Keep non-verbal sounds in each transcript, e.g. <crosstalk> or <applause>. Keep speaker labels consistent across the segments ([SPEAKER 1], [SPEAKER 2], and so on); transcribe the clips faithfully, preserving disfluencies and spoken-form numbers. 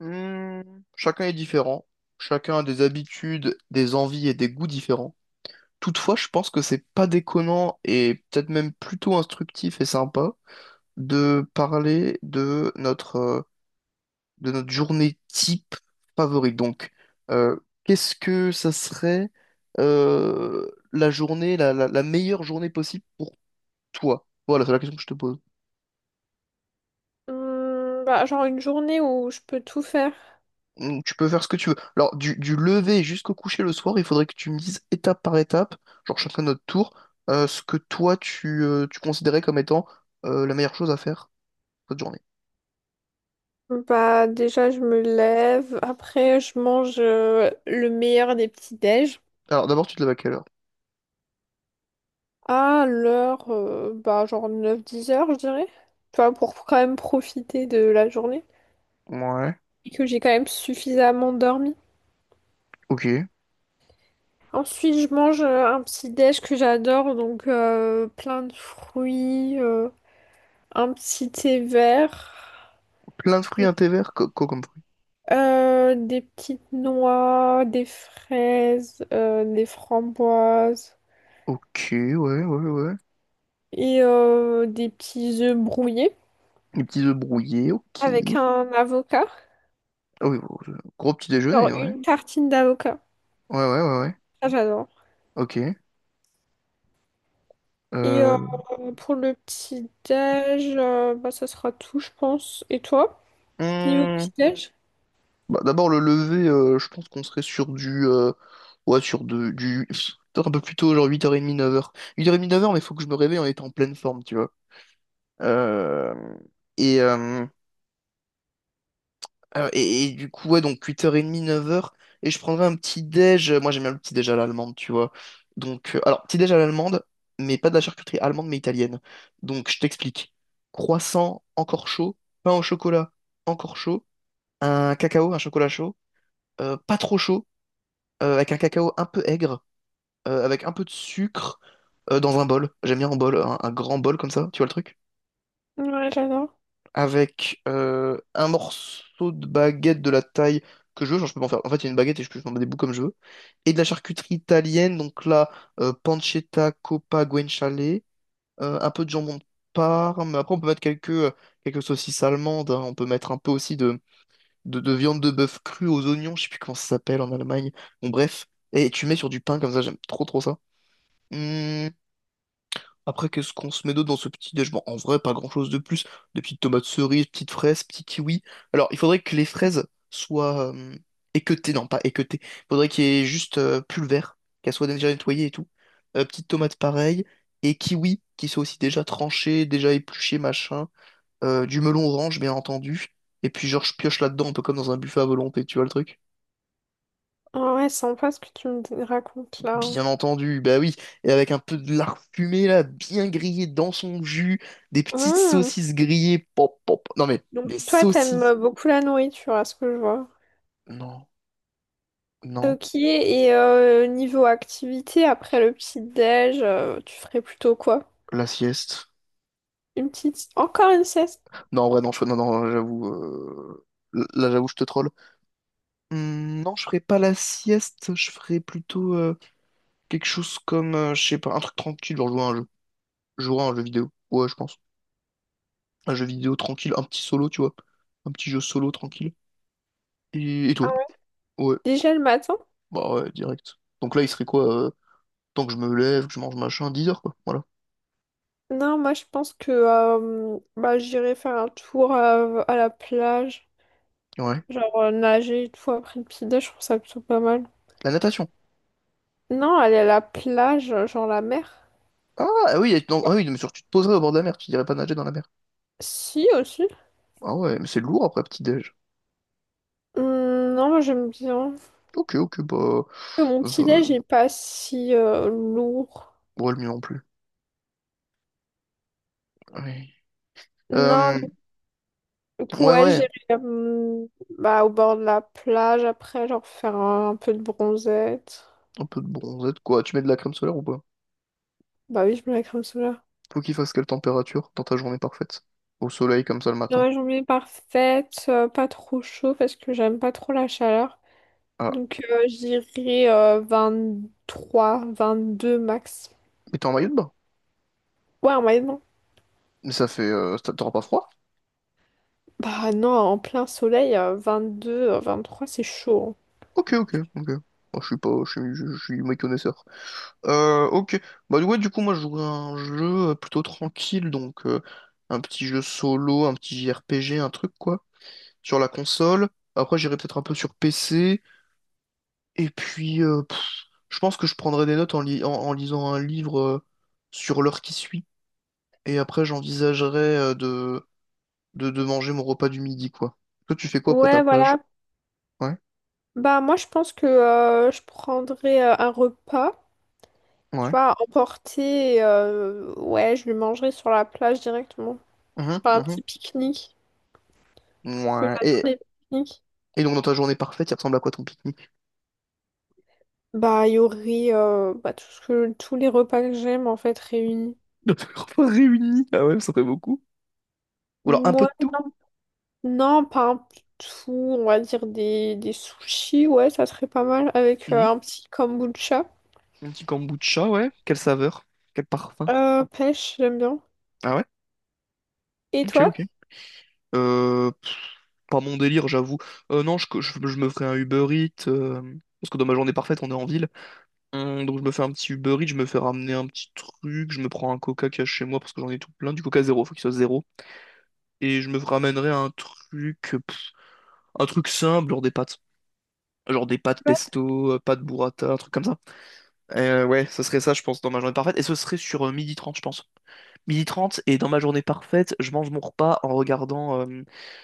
[SPEAKER 1] Hmm, chacun est différent. Chacun a des habitudes, des envies et des goûts différents. Toutefois, je pense que c'est pas déconnant et peut-être même plutôt instructif et sympa de parler de notre, euh, de notre journée type favorite. Donc, euh, qu'est-ce que ça serait euh, la journée, la, la, la meilleure journée possible pour toi? Voilà, c'est la question que je te pose.
[SPEAKER 2] Hum, bah, genre une journée où je peux tout faire.
[SPEAKER 1] Mm, tu peux faire ce que tu veux. Alors, du, du lever jusqu'au coucher le soir, il faudrait que tu me dises étape par étape, genre chacun notre tour, euh, ce que toi tu, euh, tu considérais comme étant euh, la meilleure chose à faire cette journée.
[SPEAKER 2] Bah déjà je me lève, après je mange euh, le meilleur des petits déj
[SPEAKER 1] Alors, d'abord, tu te lèves à quelle heure?
[SPEAKER 2] à l'heure euh, bah genre neuf dix heures je dirais. Tu vois, pour quand même profiter de la journée
[SPEAKER 1] Ouais.
[SPEAKER 2] et que j'ai quand même suffisamment dormi.
[SPEAKER 1] Ok.
[SPEAKER 2] Ensuite je mange euh, un petit déj que j'adore donc euh, plein de fruits, euh, un petit thé vert.
[SPEAKER 1] Plein de fruits, un thé vert, co- quoi comme fruit?
[SPEAKER 2] Euh, des petites noix, des fraises, euh, des framboises
[SPEAKER 1] Ok, ouais, ouais, ouais.
[SPEAKER 2] et euh, des petits œufs brouillés
[SPEAKER 1] Des petits œufs brouillés, ok.
[SPEAKER 2] avec un avocat.
[SPEAKER 1] Ah oui, bon, euh, gros petit
[SPEAKER 2] Genre
[SPEAKER 1] déjeuner, ouais.
[SPEAKER 2] une tartine d'avocat.
[SPEAKER 1] Ouais, ouais, ouais, ouais.
[SPEAKER 2] Ça, j'adore.
[SPEAKER 1] Ok.
[SPEAKER 2] Et euh,
[SPEAKER 1] Euh...
[SPEAKER 2] pour le petit déj, euh, bah, ça sera tout, je pense. Et toi, niveau
[SPEAKER 1] mmh.
[SPEAKER 2] petit déj?
[SPEAKER 1] Bah, d'abord, le lever, euh, je pense qu'on serait sur du. Euh, ouais, sur de, du. Pff, peut-être un peu plus tôt, genre huit heures trente, neuf heures. huit heures trente, neuf heures, huit heures trente, neuf heures, mais faut que je me réveille en étant en pleine forme, tu vois. Euh, et, euh, euh, et, et du coup, ouais, donc huit heures trente, neuf heures. Et je prendrais un petit déj. Moi, j'aime bien le petit déj à l'allemande, tu vois. Donc, euh, alors, petit déj à l'allemande, mais pas de la charcuterie allemande, mais italienne. Donc, je t'explique. Croissant, encore chaud. Pain au chocolat, encore chaud. Un cacao, un chocolat chaud. Euh, pas trop chaud euh, avec un cacao un peu aigre, euh, avec un peu de sucre euh, dans un bol. J'aime bien un bol, un, un grand bol comme ça, tu vois le truc?
[SPEAKER 2] Ouais, j'adore.
[SPEAKER 1] Avec euh, un morceau de baguette de la taille que je veux, genre je peux m'en faire. En fait, il y a une baguette et je peux m'en mettre des bouts comme je veux. Et de la charcuterie italienne, donc là, euh, pancetta, coppa, guanciale, euh, un peu de jambon de Parme. Après, on peut mettre quelques, euh, quelques saucisses allemandes. Hein. On peut mettre un peu aussi de, de, de viande de bœuf crue aux oignons, je sais plus comment ça s'appelle en Allemagne. Bon, bref. Et tu mets sur du pain comme ça, j'aime trop trop ça. Hmm, Après, qu'est-ce qu'on se met d'autre dans ce petit déj? Bon, en vrai, pas grand-chose de plus. Des petites tomates cerises, petites fraises, petits kiwis. Alors, il faudrait que les fraises soient euh, équeutées, non, pas équeutées. Il faudrait qu'il y ait juste euh, pulvère, qu'elles soient déjà nettoyées et tout. Euh, petites tomates pareilles. Et kiwis, qui soient aussi déjà tranchés, déjà épluchés, machin. Euh, du melon orange, bien entendu. Et puis, genre, je pioche là-dedans, un peu comme dans un buffet à volonté, tu vois le truc?
[SPEAKER 2] Ah ouais, sympa ce que tu me racontes là.
[SPEAKER 1] Bien entendu, bah oui, et avec un peu de lard fumé là, bien grillé dans son jus, des petites
[SPEAKER 2] Hum.
[SPEAKER 1] saucisses grillées, pop, pop, non mais
[SPEAKER 2] Donc
[SPEAKER 1] des
[SPEAKER 2] toi,
[SPEAKER 1] saucisses,
[SPEAKER 2] t'aimes beaucoup la nourriture, à ce que je vois.
[SPEAKER 1] non, non,
[SPEAKER 2] Ok, et euh, niveau activité, après le petit-déj, euh, tu ferais plutôt quoi?
[SPEAKER 1] la sieste,
[SPEAKER 2] Une petite... Encore une sieste?
[SPEAKER 1] non, en vrai, non, je- non, non, j'avoue, euh, là, j'avoue, je te troll. Hmm, non, je ferais pas la sieste, je ferais plutôt euh, quelque chose comme, euh, je sais pas, un truc tranquille, genre jouer à un jeu, jouer à un jeu vidéo, ouais, je pense, un jeu vidéo tranquille, un petit solo, tu vois, un petit jeu solo tranquille, et, et toi? Ouais,
[SPEAKER 2] Déjà le matin?
[SPEAKER 1] bah ouais, direct. Donc là, il serait quoi? Euh, tant que je me lève, que je mange machin, dix heures, quoi. Voilà.
[SPEAKER 2] Non, moi je pense que euh, bah, j'irai faire un tour à, à la plage,
[SPEAKER 1] Ouais.
[SPEAKER 2] genre euh, nager et tout après le petit-déj, je trouve ça plutôt pas mal.
[SPEAKER 1] La natation.
[SPEAKER 2] Non, aller à la plage, euh, genre la mer.
[SPEAKER 1] Ah ah oui, et- non, ah oui, mais surtout tu te poserais au bord de la mer, tu dirais pas nager dans la mer.
[SPEAKER 2] Si, aussi.
[SPEAKER 1] Ah ouais, mais c'est lourd après petit-déj.
[SPEAKER 2] Hum, non, moi j'aime bien.
[SPEAKER 1] Ok, ok, bah.
[SPEAKER 2] Mon
[SPEAKER 1] euh,
[SPEAKER 2] petit-déj n'est pas si euh, lourd.
[SPEAKER 1] ouais, le mieux non plus. Ouais.
[SPEAKER 2] Non,
[SPEAKER 1] Euh, ouais,
[SPEAKER 2] ouais,
[SPEAKER 1] ouais.
[SPEAKER 2] j'irai euh, bah, au bord de la plage après, genre faire un, un peu de bronzette.
[SPEAKER 1] Un peu de bronzette, quoi. Tu mets de la crème solaire ou pas?
[SPEAKER 2] Bah oui, je mets la crème solaire.
[SPEAKER 1] Faut qu'il fasse quelle température dans ta journée parfaite? Au soleil comme ça le
[SPEAKER 2] Dans
[SPEAKER 1] matin.
[SPEAKER 2] la journée parfaite, euh, pas trop chaud parce que j'aime pas trop la chaleur.
[SPEAKER 1] Ah.
[SPEAKER 2] Donc euh, j'irai euh, vingt deux max.
[SPEAKER 1] Mais t'es en maillot de bain?
[SPEAKER 2] Ouais, en moyenne, non.
[SPEAKER 1] Mais ça fait. euh, ça- t'auras pas froid?
[SPEAKER 2] Bah non, en plein soleil, euh, deux euh, trois c'est chaud.
[SPEAKER 1] Ok, ok, ok. Moi, je suis pas. Je suis, je, je suis méconnaisseur. Euh, ok. Bah ouais, du coup, moi, je jouerais à un jeu euh, plutôt tranquille, donc euh, un petit jeu solo, un petit J R P G, un truc, quoi, sur la console. Après, j'irai peut-être un peu sur P C. Et puis, euh, pff, je pense que je prendrai des notes en, li- en- en lisant un livre euh, sur l'heure qui suit. Et après, j'envisagerai euh, de, de, de manger mon repas du midi, quoi. Toi, tu fais quoi
[SPEAKER 2] Hein.
[SPEAKER 1] après ta
[SPEAKER 2] Ouais, <laughs>
[SPEAKER 1] plage?
[SPEAKER 2] voilà.
[SPEAKER 1] Ouais,
[SPEAKER 2] Bah moi, je pense que euh, je prendrai euh, un repas. Tu
[SPEAKER 1] ouais.
[SPEAKER 2] vois, emporter, euh, ouais, je le mangerais sur la plage directement.
[SPEAKER 1] Mhm,
[SPEAKER 2] Enfin, un
[SPEAKER 1] mhm.
[SPEAKER 2] petit pique-nique. Je
[SPEAKER 1] Ouais.
[SPEAKER 2] adore
[SPEAKER 1] Et,
[SPEAKER 2] les pique-niques.
[SPEAKER 1] et donc, dans ta journée parfaite, il ressemble à quoi ton pique-nique?
[SPEAKER 2] Bah, il y aurait euh, bah, tout ce que, tous les repas que j'aime, en fait, réunis.
[SPEAKER 1] <laughs> Nos repas réunis. Ah ouais, ça fait beaucoup. Ou alors un peu
[SPEAKER 2] Moi,
[SPEAKER 1] de tout.
[SPEAKER 2] non, non, pas un tout, on va dire des, des sushis, ouais, ça serait pas mal, avec euh,
[SPEAKER 1] Mhm.
[SPEAKER 2] un petit kombucha.
[SPEAKER 1] Un petit kombucha, ouais. Quelle saveur? Quel parfum?
[SPEAKER 2] Euh, pêche, j'aime bien.
[SPEAKER 1] Ah ouais?
[SPEAKER 2] Et
[SPEAKER 1] Ok,
[SPEAKER 2] toi?
[SPEAKER 1] ok. Euh, pff, Pas mon délire, j'avoue. Euh, non, je, je, je me ferai un Uber Eats. euh, parce que dans ma journée parfaite, on est en ville. Hum, donc je me fais un petit Uber Eats, je me fais ramener un petit truc. Je me prends un Coca qu'il y a chez moi parce que j'en ai tout plein. Du Coca zéro, faut qu'il soit zéro. Et je me ramènerai un truc. pff, un truc simple, genre des pâtes. Genre des pâtes
[SPEAKER 2] Ouais,
[SPEAKER 1] pesto, euh, pâtes burrata, un truc comme ça. Euh, ouais, ce serait ça, je pense, dans ma journée parfaite. Et ce serait sur euh, midi trente je pense. Midi trente et dans ma journée parfaite, je mange mon repas en regardant euh,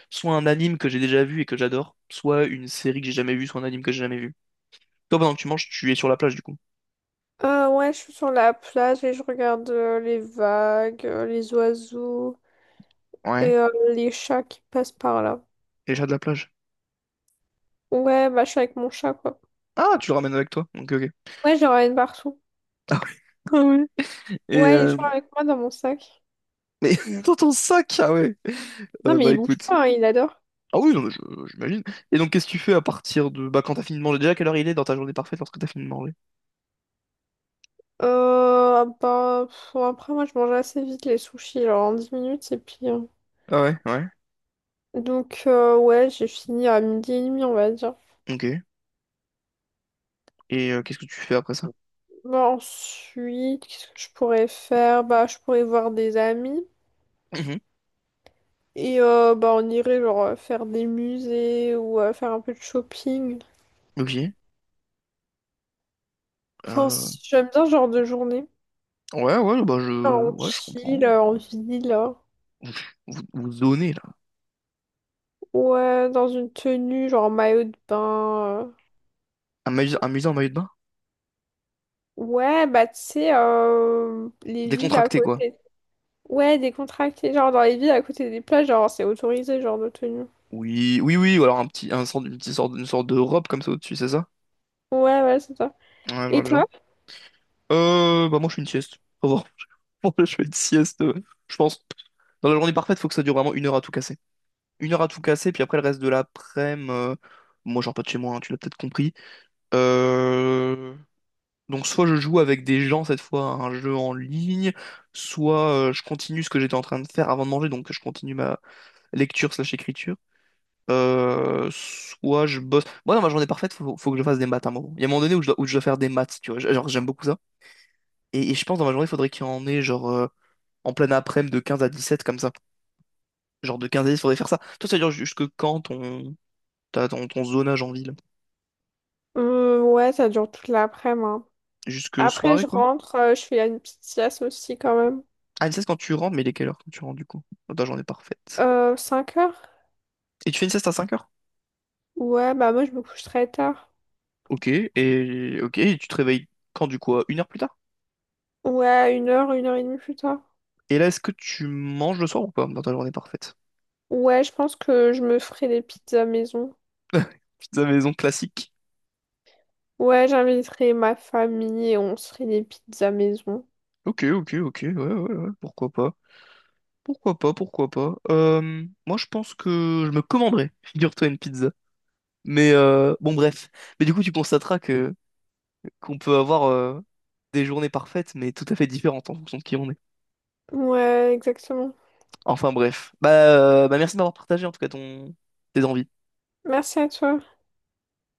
[SPEAKER 1] soit un anime que j'ai déjà vu et que j'adore, soit une série que j'ai jamais vue, soit un anime que j'ai jamais vu. Toi, pendant que tu manges, tu es sur la plage du coup.
[SPEAKER 2] Euh, ouais, je suis sur la plage et je regarde euh, les vagues, euh, les oiseaux et
[SPEAKER 1] Ouais.
[SPEAKER 2] euh, les chats qui passent par là.
[SPEAKER 1] Et j'ai de la plage.
[SPEAKER 2] Ouais, bah, je suis avec mon chat, quoi.
[SPEAKER 1] Ah, tu le ramènes avec toi. Ok, ok.
[SPEAKER 2] Ouais, je le ramène partout.
[SPEAKER 1] <laughs> Ah oui. Ah oui. Et
[SPEAKER 2] Ouais, il est
[SPEAKER 1] euh...
[SPEAKER 2] toujours avec moi dans mon sac.
[SPEAKER 1] mais <laughs> dans ton sac, ah ouais.
[SPEAKER 2] Non,
[SPEAKER 1] Euh,
[SPEAKER 2] mais
[SPEAKER 1] bah
[SPEAKER 2] il bouge
[SPEAKER 1] écoute.
[SPEAKER 2] pas, hein, il adore.
[SPEAKER 1] Ah oui, non, mais je- j'imagine. Et donc, qu'est-ce que tu fais à partir de... Bah, quand t'as fini de manger, déjà, quelle heure il est dans ta journée parfaite lorsque t'as fini de manger?
[SPEAKER 2] Euh, bah, pff, bon, après, moi, je mange assez vite les sushis, genre en dix minutes, et puis... euh,
[SPEAKER 1] Ah ouais, ouais.
[SPEAKER 2] Donc, euh, ouais, j'ai fini à midi et demi, on va dire.
[SPEAKER 1] Ok. Et euh, qu'est-ce que tu fais après ça?
[SPEAKER 2] Bah, ensuite, qu'est-ce que je pourrais faire? Bah, je pourrais voir des amis.
[SPEAKER 1] Mhm.
[SPEAKER 2] Et euh, bah, on irait, genre, euh, faire des musées ou euh, faire un peu de shopping.
[SPEAKER 1] Ok.
[SPEAKER 2] Enfin,
[SPEAKER 1] Euh,
[SPEAKER 2] c- j'aime bien ce genre de journée.
[SPEAKER 1] Ouais, ouais, bah je,
[SPEAKER 2] Genre, on
[SPEAKER 1] ouais, je
[SPEAKER 2] chill,
[SPEAKER 1] comprends.
[SPEAKER 2] euh, en ville. Hein.
[SPEAKER 1] Vous, vous, vous zonez, là.
[SPEAKER 2] Ouais, dans une tenue, genre maillot de bain. euh.
[SPEAKER 1] Un maillot, un maillot en maillot de bain?
[SPEAKER 2] Ouais, bah tu sais, euh, les villes à
[SPEAKER 1] Décontracté, quoi.
[SPEAKER 2] côté. Ouais, décontractées, genre dans les villes à côté des plages, genre c'est autorisé, genre de tenue.
[SPEAKER 1] Oui, oui, oui, ou alors un petit, un sort, une petite sorte, une sorte de robe comme ça au-dessus, c'est ça?
[SPEAKER 2] Ouais, ouais, c'est ça.
[SPEAKER 1] Ouais, je vois
[SPEAKER 2] Et
[SPEAKER 1] le genre.
[SPEAKER 2] toi?
[SPEAKER 1] Euh, bah moi, je fais une sieste. Au revoir. <laughs> Je fais une sieste, euh, je pense. Dans la journée parfaite, faut que ça dure vraiment une heure à tout casser. Une heure à tout casser, puis après, le reste de l'après-midi, euh, moi, je sors pas de chez moi, hein, tu l'as peut-être compris. Euh, Donc soit je joue avec des gens cette fois à un jeu en ligne, soit euh, je continue ce que j'étais en train de faire avant de manger, donc je continue ma lecture slash écriture. Euh, soit je bosse. Moi dans ma journée parfaite, faut, faut que je fasse des maths à un moment. Il y a un moment donné où je dois, où je dois faire des maths, tu vois. Genre j'aime beaucoup ça. Et, et je pense dans ma journée, il faudrait qu'il y en ait genre euh, en pleine après-midi de quinze à dix-sept comme ça. Genre de quinze à dix, faudrait faire ça. Toi, ça dure jusque quand ton, ta- ton, ton zonage en ville?
[SPEAKER 2] Euh, ouais, ça dure toute l'après-midi. Hein.
[SPEAKER 1] Jusque
[SPEAKER 2] Après,
[SPEAKER 1] soirée
[SPEAKER 2] je
[SPEAKER 1] quoi?
[SPEAKER 2] rentre, euh, je fais une petite sieste aussi quand même.
[SPEAKER 1] Ah, une sieste quand tu rentres, mais il est quelle heure quand tu rentres du coup? Dans ta journée parfaite.
[SPEAKER 2] Euh, cinq heures?
[SPEAKER 1] Et tu fais une sieste à cinq heures.
[SPEAKER 2] Ouais, bah moi je me couche très tard.
[SPEAKER 1] Ok, et ok, et tu te réveilles quand du coup? À une heure plus tard?
[SPEAKER 2] Ouais, une heure, une heure et demie plus tard.
[SPEAKER 1] Et là, est-ce que tu manges le soir ou pas dans ta journée parfaite?
[SPEAKER 2] Ouais, je pense que je me ferai des pizzas maison.
[SPEAKER 1] Pizza maison classique.
[SPEAKER 2] Ouais, j'inviterai ma famille et on se ferait des pizzas maison.
[SPEAKER 1] Ok, ok, ok, ouais, ouais, ouais, pourquoi pas. Pourquoi pas, pourquoi pas. Euh, moi, je pense que je me commanderais, <laughs> figure-toi, une pizza. Mais euh, bon, bref. Mais du coup, tu constateras que qu'on peut avoir euh, des journées parfaites, mais tout à fait différentes en fonction de qui on est.
[SPEAKER 2] Ouais, exactement.
[SPEAKER 1] Enfin, bref. Bah, euh, bah merci de m'avoir partagé en tout cas ton tes envies.
[SPEAKER 2] Merci à toi.